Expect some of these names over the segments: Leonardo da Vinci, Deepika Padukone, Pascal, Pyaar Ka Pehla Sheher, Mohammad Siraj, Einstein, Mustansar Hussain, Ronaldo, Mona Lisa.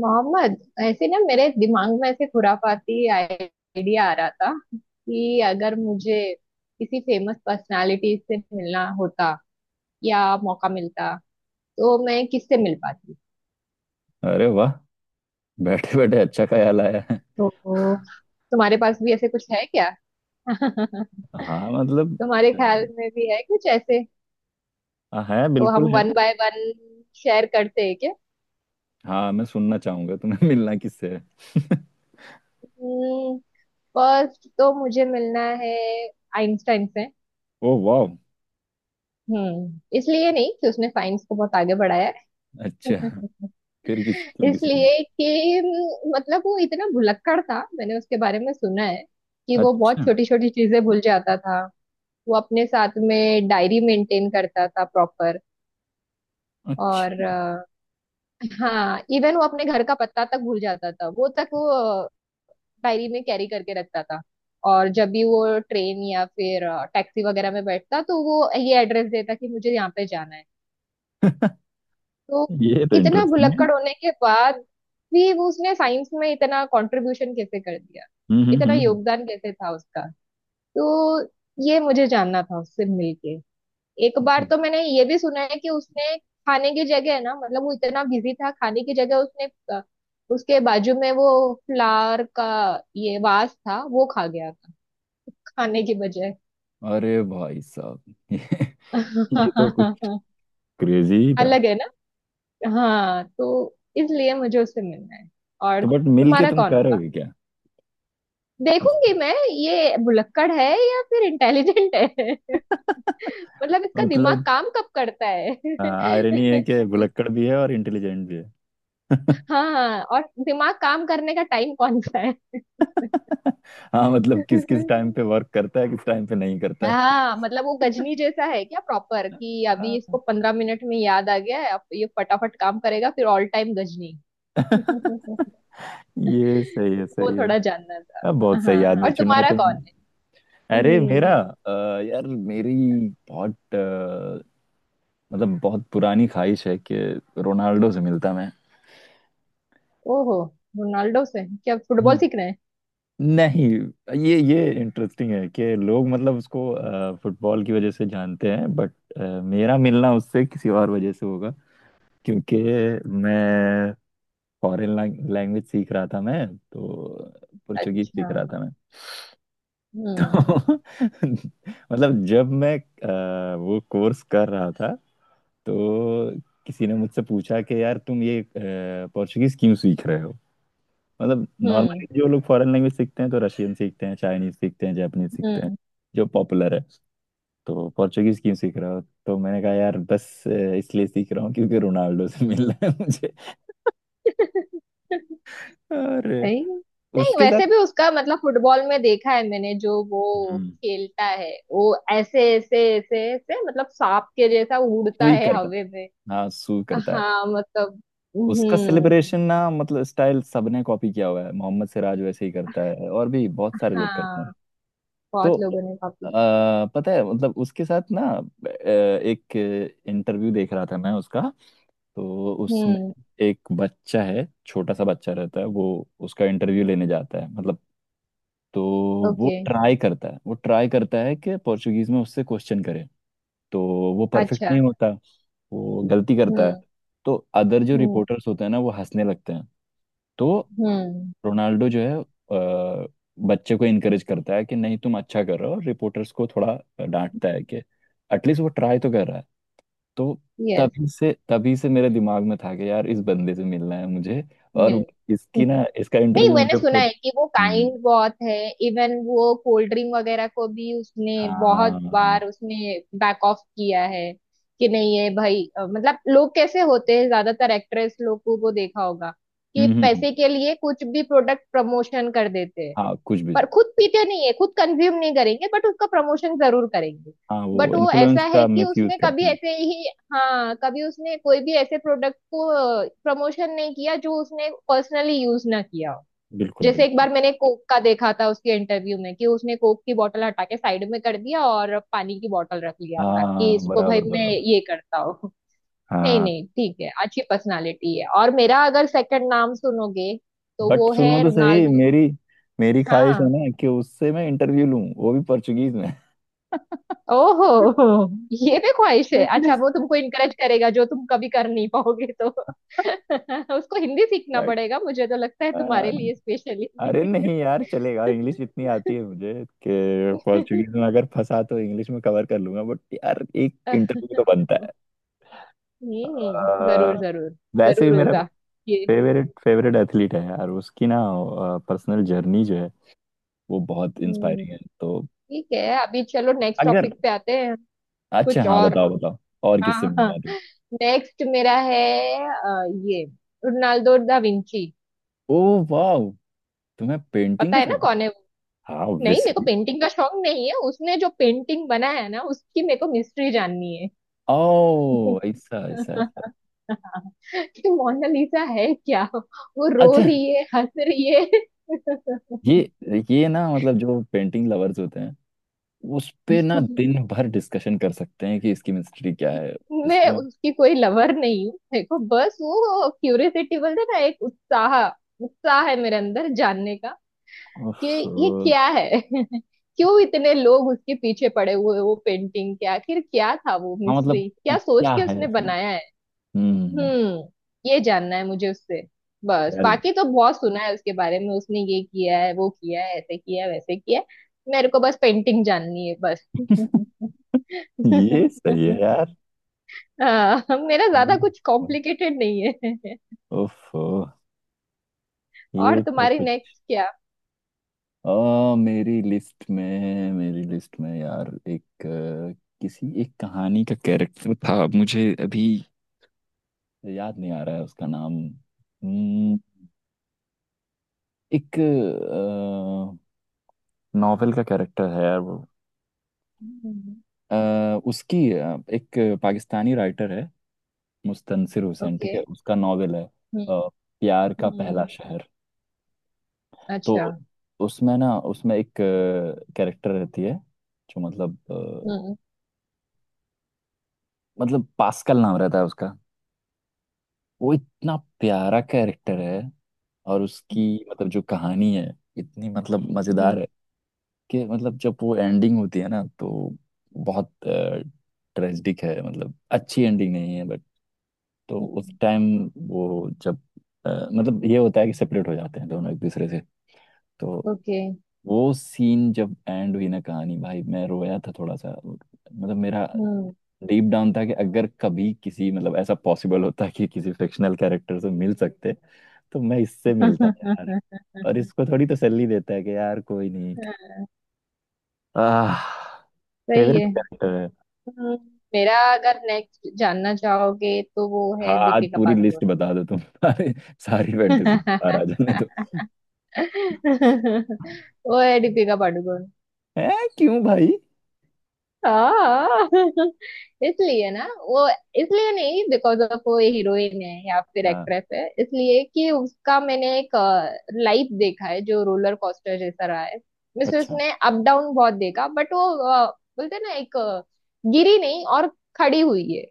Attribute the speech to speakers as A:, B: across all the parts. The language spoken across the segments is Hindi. A: मोहम्मद ऐसे ना, मेरे दिमाग में ऐसे खुराफाती आइडिया आ रहा था कि अगर मुझे किसी फेमस पर्सनालिटी से मिलना होता या मौका मिलता तो मैं किससे मिल पाती।
B: अरे वाह। बैठे बैठे अच्छा ख्याल आया है।
A: तो तुम्हारे पास भी ऐसे कुछ है क्या?
B: हाँ मतलब
A: तुम्हारे ख्याल में भी है कुछ ऐसे?
B: है
A: तो
B: बिल्कुल
A: हम
B: है।
A: वन बाय वन शेयर करते हैं क्या?
B: हाँ मैं सुनना चाहूंगा तुम्हें। मिलना किससे है?
A: फर्स्ट तो मुझे मिलना है आइंस्टाइन से।
B: ओ वाह।
A: हम्म, इसलिए नहीं कि उसने साइंस को बहुत आगे बढ़ाया है।
B: अच्छा, फिर किस लिए?
A: इसलिए कि मतलब वो इतना भुलक्कड़ था। मैंने उसके बारे में सुना है कि वो बहुत
B: अच्छा।
A: छोटी छोटी चीजें भूल जाता था। वो अपने साथ में डायरी मेंटेन करता था प्रॉपर। और
B: अच्छा।
A: हाँ, इवन वो अपने घर का पता तक भूल जाता था। वो तक वो डायरी में कैरी करके रखता था। और जब भी वो ट्रेन या फिर टैक्सी वगैरह में बैठता तो वो ये एड्रेस देता कि मुझे यहाँ पे जाना है। तो
B: ये तो
A: इतना
B: इंटरेस्टिंग है।
A: भुलक्कड़ होने के बाद भी वो उसने साइंस में इतना कंट्रीब्यूशन कैसे कर दिया,
B: हम्म हम्म
A: इतना
B: हम्म हम्म।
A: योगदान कैसे था उसका? तो ये मुझे जानना था उससे मिलके। एक
B: ओहो।
A: बार तो मैंने ये भी सुना है कि उसने खाने की जगह ना, मतलब वो इतना बिजी था, खाने की जगह उसने अ, उसके बाजू में वो फ्लावर का ये वास था वो खा गया था खाने की बजाय।
B: अरे भाई साहब, ये, ये तो कुछ क्रेजी ही था।
A: अलग है ना। हाँ, तो इसलिए मुझे उससे मिलना है। और
B: तो बट मिल के
A: तुम्हारा
B: तुम
A: कौन
B: कह रहे
A: होगा?
B: हो क्या? उस-
A: देखूंगी मैं, ये भुलक्कड़ है या फिर इंटेलिजेंट है। मतलब इसका दिमाग
B: मतलब
A: काम कब करता है।
B: आयरनी है कि भुलक्कड़ भी है और इंटेलिजेंट भी है।
A: हाँ, और दिमाग काम करने का टाइम कौन सा है।
B: हाँ मतलब किस किस टाइम पे वर्क करता है, किस टाइम पे नहीं करता है।
A: हाँ, मतलब वो गजनी जैसा है क्या प्रॉपर, कि अभी
B: हाँ।
A: इसको 15 मिनट में याद आ गया है, अब ये फटाफट काम करेगा, फिर ऑल टाइम गजनी।
B: ये सही है,
A: वो
B: सही है।
A: थोड़ा जानना था।
B: अब बहुत
A: हाँ,
B: सही आदमी
A: और
B: हाँ चुना है
A: तुम्हारा कौन है?
B: तुमने। अरे मेरा
A: हम्म।
B: अ, यार मेरी बहुत मतलब बहुत पुरानी ख्वाहिश है कि रोनाल्डो से मिलता मैं।
A: ओहो, रोनाल्डो से क्या फुटबॉल
B: हम्म।
A: सीख रहे हैं?
B: नहीं, ये इंटरेस्टिंग है कि लोग मतलब उसको फुटबॉल की वजह से जानते हैं बट मेरा मिलना उससे किसी और वजह से होगा क्योंकि मैं फॉरेन लैंग्वेज सीख रहा था, मैं तो पुर्तगीज
A: अच्छा।
B: सीख रहा था मैं।
A: हम्म,
B: तो मतलब जब मैं वो कोर्स कर रहा था तो किसी ने मुझसे पूछा कि यार तुम ये पोर्चुगीज क्यों सीख रहे हो। मतलब
A: हम्म,
B: नॉर्मली जो लोग फॉरेन लैंग्वेज सीखते हैं तो रशियन सीखते हैं, चाइनीज सीखते हैं, जापानीज सीखते हैं,
A: हम्म।
B: जो पॉपुलर है। तो पोर्चुगीज क्यों सीख रहे हो? तो मैंने कहा यार बस इसलिए सीख रहा हूँ क्योंकि रोनाल्डो से मिलना है मुझे। और
A: नहीं नहीं
B: उसके
A: वैसे
B: साथ
A: भी उसका, मतलब फुटबॉल में देखा है मैंने, जो वो
B: हम्म।
A: खेलता है वो ऐसे ऐसे ऐसे ऐसे, मतलब सांप के जैसा उड़ता
B: सुई
A: है
B: करता,
A: हवे में।
B: हाँ सू करता है।
A: हाँ मतलब।
B: उसका
A: हम्म।
B: सेलिब्रेशन ना मतलब स्टाइल सबने कॉपी किया हुआ है। मोहम्मद सिराज वैसे ही करता है और भी बहुत सारे लोग करते हैं।
A: हाँ,
B: तो
A: बहुत लोगों ने कॉपी।
B: आ, पता है मतलब उसके साथ ना एक इंटरव्यू देख रहा था मैं उसका। तो उसमें
A: हम्म।
B: एक बच्चा है, छोटा सा बच्चा रहता है, वो उसका इंटरव्यू लेने जाता है मतलब। तो
A: ओके।
B: वो ट्राई करता है कि पोर्चुगीज में उससे क्वेश्चन करे। तो वो परफेक्ट
A: अच्छा।
B: नहीं होता, वो गलती करता है।
A: हम्म,
B: तो अदर जो
A: हम्म,
B: रिपोर्टर्स होते हैं ना वो हंसने लगते हैं। तो
A: हम्म।
B: रोनाल्डो जो है बच्चे को इनकरेज करता है कि नहीं तुम अच्छा कर रहे हो। रिपोर्टर्स को थोड़ा डांटता है कि एटलीस्ट वो ट्राई तो कर रहा है। तो
A: यस।
B: तभी से मेरे दिमाग में था कि यार इस बंदे से मिलना है मुझे। और
A: मिल।
B: इसकी ना इसका
A: नहीं,
B: इंटरव्यू
A: मैंने
B: मुझे
A: सुना है
B: खुद।
A: कि वो
B: हम्म।
A: काइंड बहुत है। इवन वो कोल्ड ड्रिंक वगैरह को भी उसने, बहुत
B: हाँ। हाँ।
A: बार उसने बैक ऑफ किया है कि नहीं है भाई। मतलब लोग कैसे होते हैं, ज्यादातर एक्ट्रेस लोगों को वो देखा होगा, कि
B: हम्म।
A: पैसे के लिए कुछ भी प्रोडक्ट प्रमोशन कर देते हैं,
B: हाँ कुछ भी।
A: पर खुद पीते नहीं है, खुद कंज्यूम नहीं करेंगे बट उसका प्रमोशन जरूर करेंगे।
B: हाँ वो
A: बट वो ऐसा
B: इन्फ्लुएंस
A: है
B: का
A: कि
B: मिस यूज
A: उसने
B: करते
A: कभी
B: हैं।
A: ऐसे ही, हाँ कभी उसने कोई भी ऐसे प्रोडक्ट को प्रमोशन नहीं किया जो उसने पर्सनली यूज ना किया हो।
B: बिल्कुल
A: जैसे
B: बिल्कुल।
A: एक बार मैंने कोक का देखा था उसके इंटरव्यू में, कि उसने कोक की बोतल हटा के साइड में कर दिया और पानी की बोतल रख लिया था कि
B: हाँ
A: इसको भाई
B: बराबर
A: मैं
B: बराबर।
A: ये करता हूँ। नहीं
B: हाँ,
A: नहीं ठीक है, अच्छी पर्सनालिटी है। और मेरा अगर सेकंड नाम सुनोगे तो
B: बट
A: वो
B: सुनो
A: है
B: तो सही
A: रोनाल्डो।
B: मेरी। मेरी ख्वाहिश है
A: हाँ।
B: ना कि उससे मैं इंटरव्यू लूं, वो भी पोर्चुगीज में।
A: ओहो, ये भी ख्वाहिश है। अच्छा,
B: एटलीस्ट
A: वो तुमको इनकरेज करेगा जो तुम कभी कर नहीं पाओगे तो उसको हिंदी सीखना
B: बट
A: पड़ेगा, मुझे तो लगता है, तुम्हारे लिए स्पेशली।
B: अरे नहीं यार, चलेगा, इंग्लिश इतनी आती है मुझे कि पोर्चुगीज में अगर फंसा तो इंग्लिश में कवर कर लूंगा। बट यार एक इंटरव्यू तो बनता है।
A: हम्म, जरूर
B: अ,
A: जरूर,
B: वैसे
A: जरूर
B: भी मेरा
A: होगा ये।
B: फेवरेट फेवरेट एथलीट है यार। उसकी ना पर्सनल जर्नी जो है वो बहुत
A: हम्म,
B: इंस्पायरिंग है। तो
A: ठीक है, अभी चलो नेक्स्ट
B: अगर।
A: टॉपिक पे आते हैं।
B: अच्छा
A: कुछ
B: हाँ,
A: और?
B: बताओ बताओ। और
A: हाँ,
B: किससे
A: हाँ।
B: मिला दूं?
A: नेक्स्ट मेरा है ये रोनाल्डो दा विंची।
B: ओ वाह, तुम्हें पेंटिंग
A: पता
B: का
A: है ना
B: शौक
A: कौन
B: है?
A: है वो?
B: हाँ
A: नहीं, मेरे को
B: ऑब्वियसली।
A: पेंटिंग का शौक नहीं है। उसने जो पेंटिंग बनाया है ना, उसकी मेरे को मिस्ट्री जाननी है।
B: ओ, ऐसा ऐसा ऐसा।
A: कि मोनालिसा है क्या, वो रो
B: अच्छा,
A: रही है हंस रही है?
B: ये ये ना मतलब जो पेंटिंग लवर्स होते हैं उस पे ना दिन भर डिस्कशन कर सकते हैं कि इसकी मिस्ट्री क्या है
A: मैं
B: इसमें।
A: उसकी कोई लवर नहीं हूँ, देखो बस वो क्यूरियोसिटी बोलते हैं ना, एक उत्साह, उत्साह है मेरे अंदर जानने का कि
B: उफ,
A: ये
B: हाँ।
A: क्या है। क्यों इतने लोग उसके पीछे पड़े हुए हैं, वो पेंटिंग के आखिर क्या था वो
B: मतलब
A: मिस्ट्री, क्या
B: कुछ
A: सोच
B: क्या
A: के
B: है
A: उसने
B: इसमें?
A: बनाया है।
B: हम्म।
A: हम्म, ये जानना है मुझे उससे। बस,
B: यार
A: बाकी तो बहुत सुना है उसके बारे में, उसने ये किया है, वो किया है, ऐसे किया है, वैसे किया है। मेरे को बस पेंटिंग जाननी है बस।
B: ये सही है यार।
A: हाँ, मेरा ज्यादा कुछ कॉम्प्लिकेटेड नहीं है।
B: उफ,
A: और
B: ये तो
A: तुम्हारी
B: कुछ।
A: नेक्स्ट क्या?
B: अ, मेरी लिस्ट में है। मेरी लिस्ट में यार एक किसी एक कहानी का कैरेक्टर था, मुझे अभी याद नहीं आ रहा है उसका नाम। एक नॉवेल का कैरेक्टर है यार वो। अ, उसकी एक पाकिस्तानी राइटर है, मुस्तनसिर हुसैन ठीक
A: ओके।
B: है, उसका नॉवेल है
A: हम्म, okay,
B: प्यार का
A: हम्म।
B: पहला
A: हम्म,
B: शहर। तो
A: अच्छा।
B: उसमें ना, उसमें एक कैरेक्टर रहती है जो मतलब
A: हम्म,
B: मतलब पास्कल नाम रहता है उसका। वो इतना प्यारा कैरेक्टर है और उसकी मतलब जो कहानी है इतनी मतलब मजेदार है
A: हम्म।
B: कि मतलब जब वो एंडिंग होती है ना तो बहुत ट्रेजिक है, मतलब अच्छी एंडिंग नहीं है बट। तो उस टाइम वो जब मतलब ये होता है कि सेपरेट हो जाते हैं दोनों एक दूसरे से। तो
A: ओके।
B: वो सीन जब एंड हुई ना कहानी, भाई मैं रोया था थोड़ा सा। मतलब मेरा
A: हम्म।
B: डीप डाउन था कि अगर कभी किसी मतलब ऐसा पॉसिबल होता कि किसी फिक्शनल कैरेक्टर से मिल सकते तो मैं इससे मिलता यार। और इसको थोड़ी तसल्ली देता है कि यार कोई नहीं। आह,
A: सही
B: फेवरेट
A: है।
B: कैरेक्टर है।
A: हम्म, मेरा अगर नेक्स्ट जानना चाहोगे तो वो है
B: हाँ आज
A: दीपिका
B: पूरी
A: पादुकोण।
B: लिस्ट बता दो तुम। सारी सारी फैंटेसी बाहर आ जाने दो।
A: वो है दीपिका पादुकोण।
B: है? क्यों भाई?
A: हाँ। इसलिए ना वो, इसलिए नहीं बिकॉज ऑफ वो हीरोइन है या फिर
B: हाँ।
A: एक्ट्रेस है, इसलिए कि उसका मैंने एक लाइफ देखा है जो रोलर कोस्टर जैसा रहा है। मिस,
B: अच्छा।
A: उसने अप डाउन बहुत देखा, बट वो अ, बोलते हैं ना एक, गिरी नहीं और खड़ी हुई है।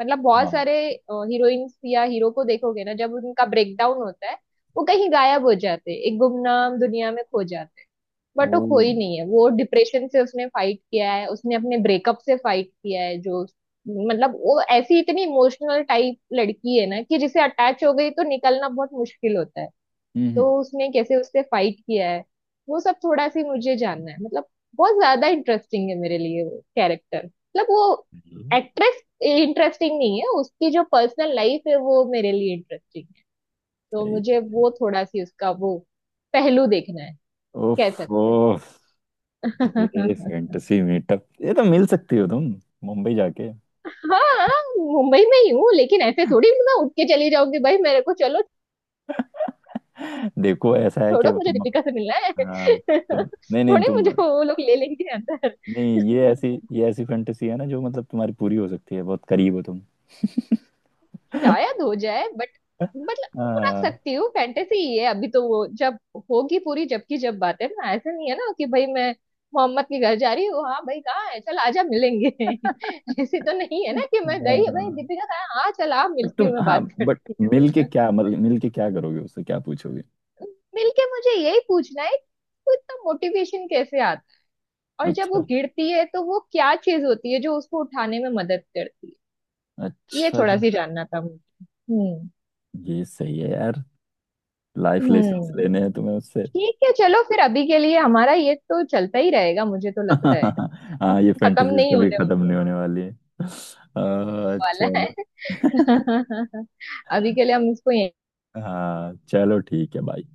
A: मतलब बहुत
B: हाँ।
A: सारे हीरोइंस या हीरो को देखोगे ना, जब उनका ब्रेकडाउन होता है वो कहीं गायब हो जाते हैं, एक गुमनाम दुनिया में खो जाते हैं, बट वो
B: ओ।
A: कोई
B: हम्म।
A: नहीं है। वो डिप्रेशन से उसने फाइट किया है, उसने अपने ब्रेकअप से फाइट किया है। जो मतलब वो ऐसी इतनी इमोशनल टाइप लड़की है ना, कि जिसे अटैच हो गई तो निकलना बहुत मुश्किल होता है। तो उसने कैसे उससे फाइट किया है, वो सब थोड़ा सी मुझे जानना है, मतलब बहुत ज्यादा इंटरेस्टिंग है मेरे लिए वो कैरेक्टर। मतलब वो
B: हम्म,
A: एक्ट्रेस इंटरेस्टिंग नहीं है, उसकी जो पर्सनल लाइफ है वो मेरे लिए इंटरेस्टिंग है। तो
B: सही।
A: मुझे वो थोड़ा सी उसका वो पहलू देखना है,
B: ओफ
A: कह सकते
B: ओफ।
A: हो।
B: ये फैंटेसी मीटअप, ये तो मिल सकती हो तुम, मुंबई जाके।
A: हाँ, मुंबई में ही हूँ लेकिन ऐसे थोड़ी मैं उठ के चली जाऊंगी भाई मेरे को चलो।
B: देखो ऐसा है कि
A: छोड़ो,
B: अब
A: मुझे
B: तुम।
A: दीपिका से मिलना है।
B: हाँ। तुम नहीं नहीं
A: थोड़ी
B: तुम
A: मुझे वो लोग ले लेंगे अंदर।
B: नहीं, ये ऐसी ये ऐसी फैंटेसी है ना जो मतलब तुम्हारी पूरी हो सकती है, बहुत करीब हो तुम।
A: शायद हो जाए, बट मतलब रख
B: हाँ
A: सकती हूँ, फैंटेसी ही है अभी तो। वो जब होगी पूरी, जबकि जब बात है ना, ऐसा नहीं है ना कि भाई मैं मोहम्मद के घर जा रही हूँ, हाँ भाई कहाँ है चल आजा मिलेंगे। ऐसे तो नहीं है ना कि मैं गई भाई दीपिका कहाँ है? हाँ चल आ
B: बट
A: मिलती
B: तुम,
A: हूँ मैं
B: हाँ
A: बात
B: बट
A: करती
B: मिल के
A: हूँ।
B: क्या, मतलब मिल के क्या करोगे उससे, क्या पूछोगे?
A: मिलके मुझे यही पूछना है तो, इतना मोटिवेशन कैसे आता, और जब वो
B: अच्छा,
A: गिरती है तो वो क्या चीज होती है जो उसको उठाने में मदद करती है। ये
B: अच्छा
A: थोड़ा
B: जी।
A: सी जानना था मुझे। हम्म,
B: ये सही है यार, लाइफ लेसन
A: हम्म,
B: लेने हैं तुम्हें उससे।
A: ठीक है चलो फिर। अभी के लिए हमारा ये तो चलता ही रहेगा, मुझे तो लगता है।
B: हाँ ये
A: खत्म
B: फैंटेसीज
A: नहीं
B: कभी
A: होने
B: खत्म नहीं होने वाली है।
A: वाला है।
B: चलो।
A: अभी के लिए हम इसको।
B: हाँ चलो ठीक है भाई।